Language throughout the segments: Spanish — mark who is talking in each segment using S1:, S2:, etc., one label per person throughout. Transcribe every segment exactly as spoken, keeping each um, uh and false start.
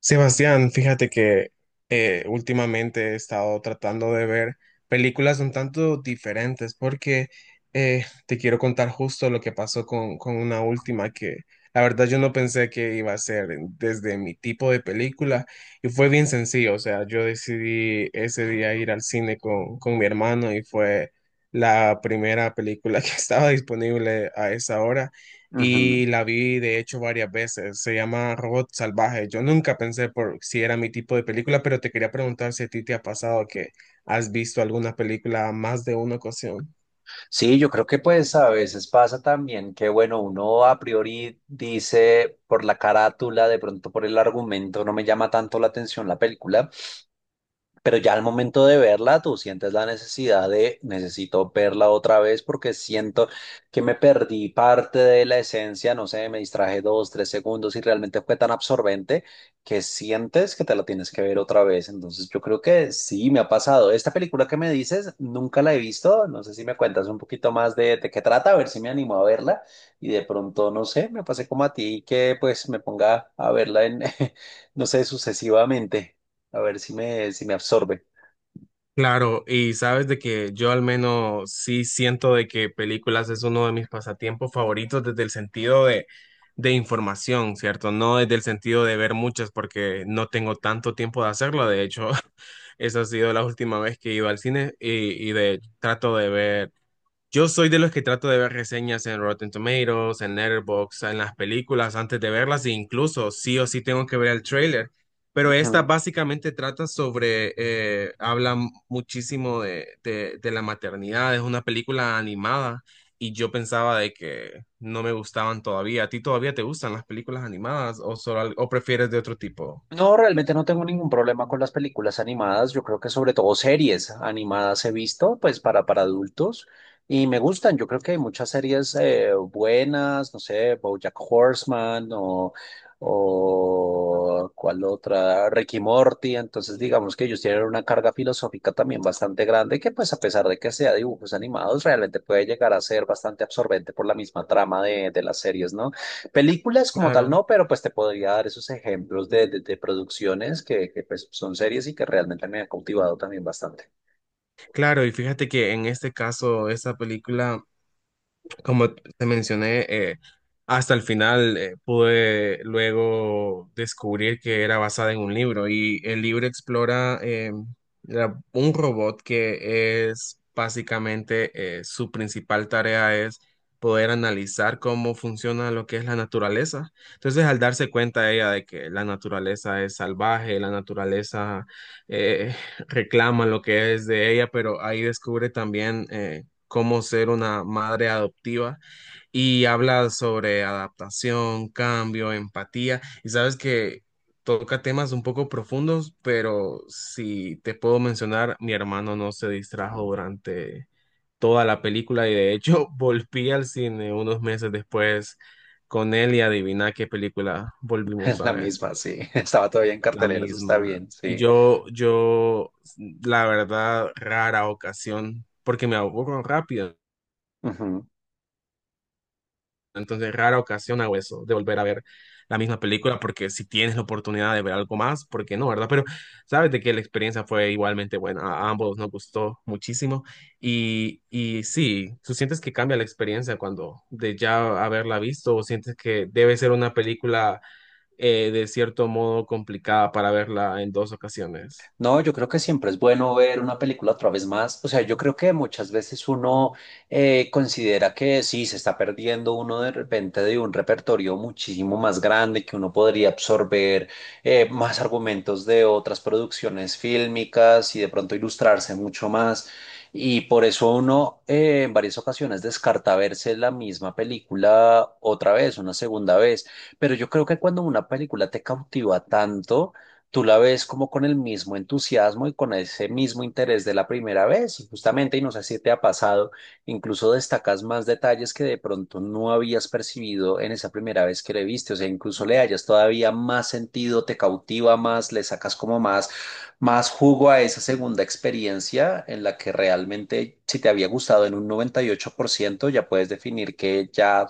S1: Sebastián, fíjate que eh, últimamente he estado tratando de ver películas un tanto diferentes porque eh, te quiero contar justo lo que pasó con, con una última que la verdad yo no pensé que iba a ser desde mi tipo de película. Y fue bien sencillo, o sea, yo decidí ese día ir al cine con, con mi hermano y fue la primera película que estaba disponible a esa hora,
S2: Ujú.
S1: y la vi de hecho varias veces. Se llama Robot Salvaje. Yo nunca pensé por si era mi tipo de película, pero te quería preguntar si a ti te ha pasado que has visto alguna película más de una ocasión.
S2: Sí, yo creo que pues a veces pasa también que, bueno, uno a priori dice por la carátula, de pronto por el argumento, no me llama tanto la atención la película, pero ya al momento de verla, tú sientes la necesidad de, necesito verla otra vez porque siento que me perdí parte de la esencia, no sé, me distraje dos, tres segundos y realmente fue tan absorbente que sientes que te la tienes que ver otra vez. Entonces yo creo que sí, me ha pasado. Esta película que me dices, nunca la he visto. No sé si me cuentas un poquito más de, de qué trata, a ver si me animo a verla. Y de pronto, no sé, me pasé como a ti que pues me ponga a verla en, no sé, sucesivamente. A ver si me, si me, absorbe.
S1: Claro, y sabes de que yo al menos sí siento de que películas es uno de mis pasatiempos favoritos desde el sentido de, de información, ¿cierto? No desde el sentido de ver muchas porque no tengo tanto tiempo de hacerlo. De hecho, esa ha sido la última vez que he ido al cine y, y de, trato de ver. Yo soy de los que trato de ver reseñas en Rotten Tomatoes, en Letterboxd, en las películas antes de verlas e incluso sí o sí tengo que ver el tráiler. Pero esta
S2: Ujú.
S1: básicamente trata sobre, eh, habla muchísimo de, de, de la maternidad. Es una película animada y yo pensaba de que no me gustaban todavía. ¿A ti todavía te gustan las películas animadas o, solo, al- o prefieres de otro tipo?
S2: No, realmente no tengo ningún problema con las películas animadas. Yo creo que sobre todo series animadas he visto, pues para, para, adultos y me gustan. Yo creo que hay muchas series eh, buenas, no sé, BoJack Horseman o, o cuál otra, Ricky Morty. Entonces, digamos que ellos tienen una carga filosófica también bastante grande que, pues a pesar de que sea dibujos animados, realmente puede llegar a ser bastante absorbente por la misma trama de, de las series, ¿no? Películas como tal
S1: Claro.
S2: no, pero pues te podría dar esos ejemplos de, de- de producciones que, que, pues son series y que realmente me han cautivado también bastante.
S1: Claro, y fíjate que en este caso, esta película... Como te mencioné, eh, hasta el final eh, pude luego descubrir que era basada en un libro, y el libro explora, eh, la- un robot que es básicamente, eh, su principal tarea es poder analizar cómo funciona lo que es la naturaleza. Entonces, al darse cuenta ella de que la naturaleza es salvaje, la naturaleza eh, reclama lo que es de ella, pero ahí descubre también eh, cómo ser una madre adoptiva, y habla sobre adaptación, cambio, empatía, y sabes que toca temas un poco profundos. Pero si te puedo mencionar, mi hermano no se distrajo durante toda la película, y de hecho volví al cine unos meses después con él y adivina qué película volvimos a
S2: La
S1: ver.
S2: misma, sí. Estaba todavía en
S1: La
S2: cartelera, eso
S1: misma.
S2: está bien,
S1: Y
S2: sí.
S1: yo, yo, la verdad, rara ocasión, porque me aburro rápido,
S2: Ujú.
S1: entonces rara ocasión hago eso, de volver a ver la misma película, porque si tienes la oportunidad de ver algo más, ¿por qué no, verdad? Pero sabes de que la experiencia fue igualmente buena, a ambos nos gustó muchísimo, y, y sí, tú sientes que cambia la experiencia cuando de ya haberla visto, o sientes que debe ser una película eh, de cierto modo complicada para verla en dos ocasiones.
S2: No, yo creo que siempre es bueno ver una película otra vez más. O sea, yo creo que muchas veces uno eh, considera que sí, se está perdiendo uno de repente de un repertorio muchísimo más grande, que uno podría absorber eh, más argumentos de otras producciones fílmicas y de pronto ilustrarse mucho más. Y por eso uno eh, en varias ocasiones descarta verse la misma película otra vez, una segunda vez. Pero yo creo que cuando una película te cautiva tanto, tú la ves como con el mismo entusiasmo y con ese mismo interés de la primera vez, y justamente, y no sé si te ha pasado, incluso destacas más detalles que de pronto no habías percibido en esa primera vez que le viste, o sea, incluso le hayas todavía más sentido, te cautiva más, le sacas como más, más jugo a esa segunda experiencia en la que realmente, si te había gustado en un noventa y ocho por ciento, ya puedes definir que ya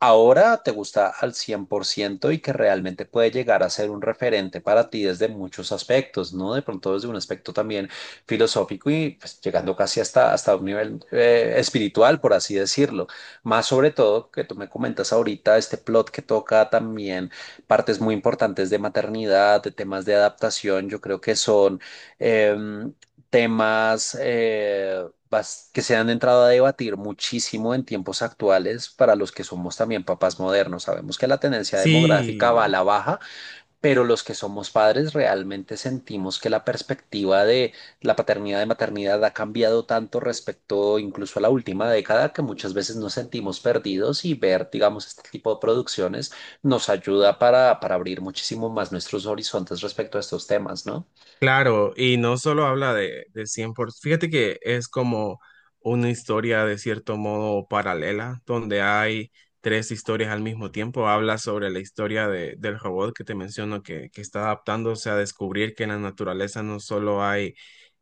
S2: ahora te gusta al cien por ciento y que realmente puede llegar a ser un referente para ti desde muchos aspectos, ¿no? De pronto desde un aspecto también filosófico y pues, llegando casi hasta, hasta un nivel eh, espiritual, por así decirlo. Más sobre todo que tú me comentas ahorita, este plot que toca también partes muy importantes de maternidad, de temas de adaptación, yo creo que son em, temas eh, bas- que se han entrado a debatir muchísimo en tiempos actuales para los que somos también papás modernos. Sabemos que la tendencia demográfica va a
S1: Sí,
S2: la baja, pero los que somos padres realmente sentimos que la perspectiva de la paternidad y maternidad ha cambiado tanto respecto incluso a la última década que muchas veces nos sentimos perdidos y ver, digamos, este tipo de producciones nos ayuda para, para, abrir muchísimo más nuestros horizontes respecto a estos temas, ¿no?
S1: claro, y no solo habla de, de cien por ciento, fíjate que es como una historia de cierto modo paralela, donde hay tres historias al mismo tiempo. Habla sobre la historia de- del robot que te menciono, que, que está adaptándose a descubrir que en la naturaleza no solo hay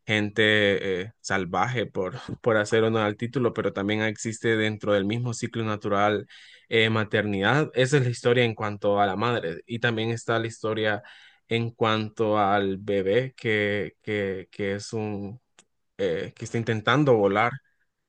S1: gente eh, salvaje, por, por hacer honor al título, pero también existe dentro del mismo ciclo natural eh, maternidad. Esa es la historia en cuanto a la madre, y también está la historia en cuanto al bebé que, que, que es un eh, que está intentando volar.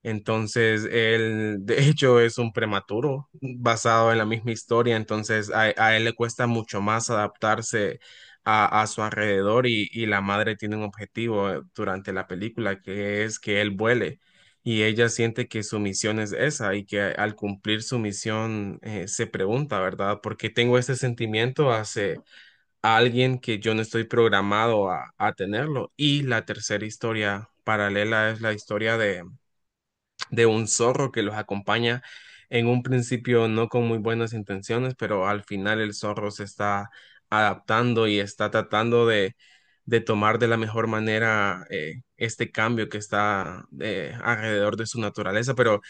S1: Entonces, él de hecho es un prematuro basado en la misma historia. Entonces, a, a él le cuesta mucho más adaptarse a, a su alrededor, y, y la madre tiene un objetivo eh, durante la película, que es que él vuele. Y ella siente que su misión es esa, y que al cumplir su misión eh, se pregunta, ¿verdad? ¿Por qué tengo este sentimiento hace a alguien que yo no estoy programado a, a tenerlo? Y la tercera historia paralela es la historia de, de un zorro que los acompaña, en un principio no con muy buenas intenciones, pero al final el zorro se está adaptando y está tratando de, de tomar de la mejor manera eh, este cambio que está eh, alrededor de su naturaleza. Pero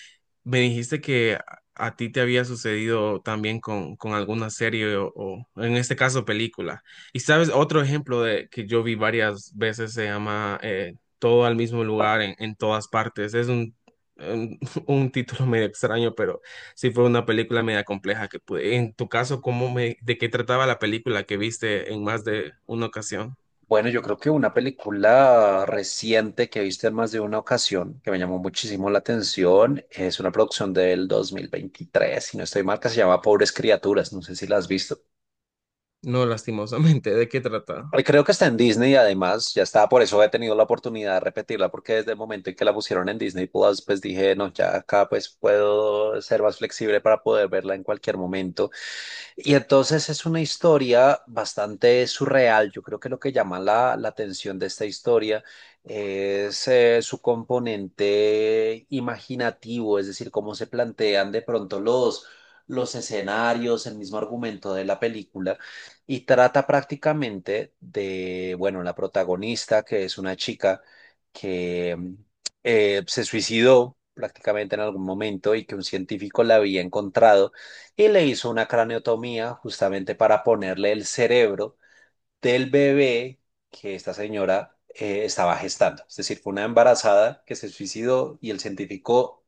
S1: me dijiste que a a ti te había sucedido también con, con alguna serie o, o, en este caso película. Y sabes, otro ejemplo de que yo vi varias veces se llama eh, Todo al mismo lugar en, en todas partes. Es un, un, un título medio extraño, pero sí, fue una película media compleja que pude. En tu caso, ¿cómo me, de qué trataba la película que viste en más de una ocasión?
S2: Bueno, yo creo que una película reciente que he visto en más de una ocasión, que me llamó muchísimo la atención, es una producción del dos mil veintitrés, si no estoy mal, que se llama Pobres Criaturas, no sé si la has visto.
S1: No, lastimosamente, ¿de qué trata?
S2: Eh, Creo que está en Disney, además, ya estaba, por eso he tenido la oportunidad de repetirla, porque desde el momento en que la pusieron en Disney Plus, pues dije, no, ya acá pues puedo ser más flexible para poder verla en cualquier momento. Y entonces es una historia bastante surreal. Yo creo que lo que llama la, la atención de esta historia es eh, su componente imaginativo, es decir, cómo se plantean de pronto los, los, escenarios, el mismo argumento de la película, y trata prácticamente de, bueno, la protagonista, que es una chica que mm, eh, se suicidó prácticamente en algún momento y que un científico la había encontrado y le hizo una craneotomía justamente para ponerle el cerebro del bebé que esta señora eh, estaba gestando. Es decir, fue una embarazada que se suicidó y el científico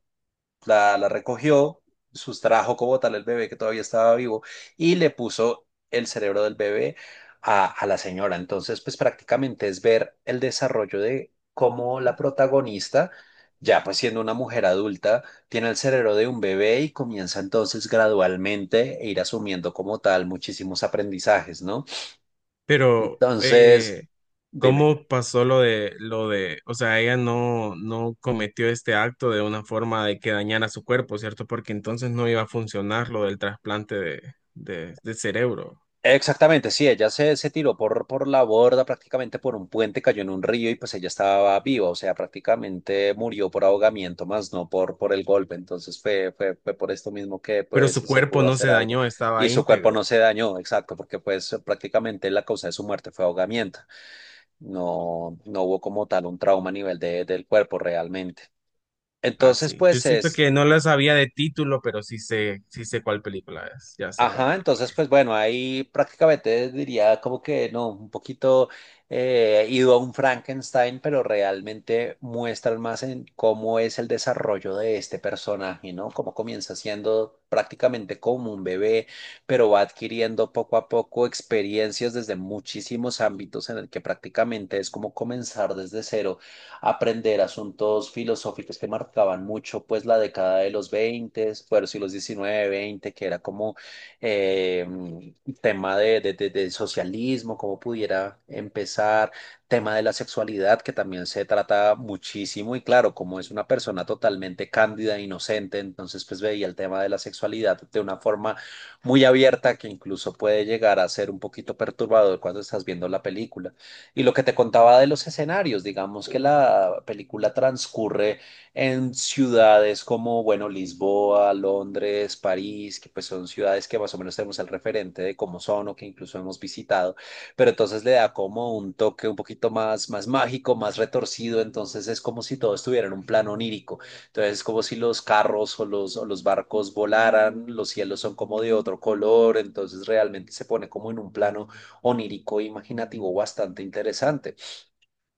S2: la, la, recogió, sustrajo como tal el bebé que todavía estaba vivo y le puso el cerebro del bebé a, a la señora. Entonces, pues prácticamente es ver el desarrollo de cómo la protagonista, ya pues siendo una mujer adulta, tiene el cerebro de un bebé y comienza entonces gradualmente a ir asumiendo como tal muchísimos aprendizajes, ¿no?
S1: Pero,
S2: Entonces,
S1: eh,
S2: dime.
S1: ¿cómo pasó lo de lo de, o sea, ella no no cometió este acto de una forma de que dañara su cuerpo, ¿cierto? Porque entonces no iba a funcionar lo del trasplante de, de, de cerebro.
S2: Exactamente, sí, ella se, se, tiró por, por la borda, prácticamente por un puente, cayó en un río y pues ella estaba viva, o sea, prácticamente murió por ahogamiento, más no por, por, el golpe, entonces fue, fue, fue por esto mismo que
S1: Pero
S2: pues
S1: su
S2: se
S1: cuerpo
S2: pudo
S1: no
S2: hacer
S1: se
S2: algo
S1: dañó, estaba
S2: y su cuerpo
S1: íntegro.
S2: no se dañó, exacto, porque pues prácticamente la causa de su muerte fue ahogamiento, no, no hubo como tal un trauma a nivel de- del cuerpo realmente. Entonces,
S1: Así. Yo
S2: pues
S1: siento
S2: es,
S1: que no lo sabía de título, pero sí sé, sí sé cuál película es. Ya sé cuál
S2: ajá,
S1: película
S2: entonces
S1: es.
S2: pues bueno, ahí prácticamente diría como que no, un poquito eh, ido a un Frankenstein, pero realmente muestran más en cómo es el desarrollo de este personaje, ¿no? Cómo comienza siendo prácticamente como un bebé, pero va adquiriendo poco a poco experiencias desde muchísimos ámbitos en el que prácticamente es como comenzar desde cero, aprender asuntos filosóficos que marcaban mucho pues la década de los veinte, bueno, sí, los diecinueve, veinte, que era como eh, tema de, de- de- del socialismo, cómo pudiera empezar, tema de la sexualidad, que también se trata muchísimo y claro, como es una persona totalmente cándida e inocente, entonces pues veía el tema de la sexualidad de una forma muy abierta que incluso puede llegar a ser un poquito perturbador cuando estás viendo la película. Y lo que te contaba de los escenarios, digamos que la película transcurre en ciudades como, bueno, Lisboa, Londres, París, que pues son ciudades que más o menos tenemos el referente de cómo son o que incluso hemos visitado, pero entonces le da como un toque un poquito más, más mágico, más retorcido, entonces es como si todo estuviera en un plano onírico, entonces es como si los carros o los, o los barcos volaran, los cielos son como de otro color, entonces realmente se pone como en un plano onírico, e imaginativo, bastante interesante.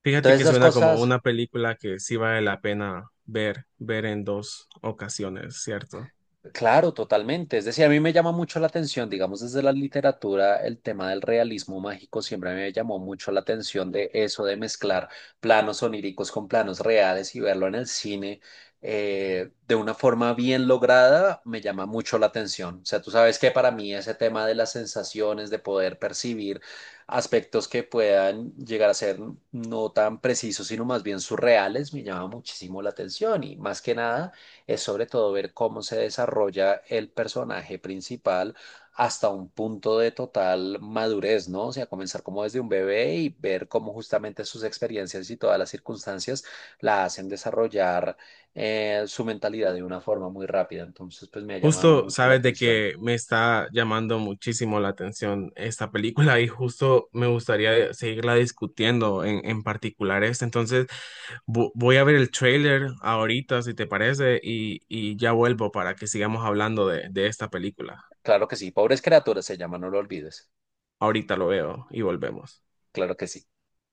S1: Fíjate
S2: Entonces
S1: que
S2: esas
S1: suena como
S2: cosas...
S1: una película que sí vale la pena ver, ver en dos ocasiones, ¿cierto?
S2: Claro, totalmente. Es decir, a mí me llama mucho la atención, digamos, desde la literatura, el tema del realismo mágico siempre me llamó mucho la atención de eso, de mezclar planos oníricos con planos reales y verlo en el cine eh, de una forma bien lograda, me llama mucho la atención. O sea, tú sabes que para mí ese tema de las sensaciones, de poder percibir aspectos que puedan llegar a ser no tan precisos, sino más bien surreales, me llama muchísimo la atención y más que nada es sobre todo ver cómo se desarrolla el personaje principal hasta un punto de total madurez, ¿no? O sea, comenzar como desde un bebé y ver cómo justamente sus experiencias y todas las circunstancias la hacen desarrollar eh, su mentalidad de una forma muy rápida. Entonces, pues me ha llamado
S1: Justo
S2: mucho la
S1: sabes de
S2: atención.
S1: que me está llamando muchísimo la atención esta película, y justo me gustaría seguirla discutiendo en, en particular esta. Entonces vo- voy a ver el trailer ahorita, si te parece, y, y ya vuelvo para que sigamos hablando de, de esta película.
S2: Claro que sí, Pobres Criaturas se llama, no lo olvides.
S1: Ahorita lo veo y volvemos.
S2: Claro que sí.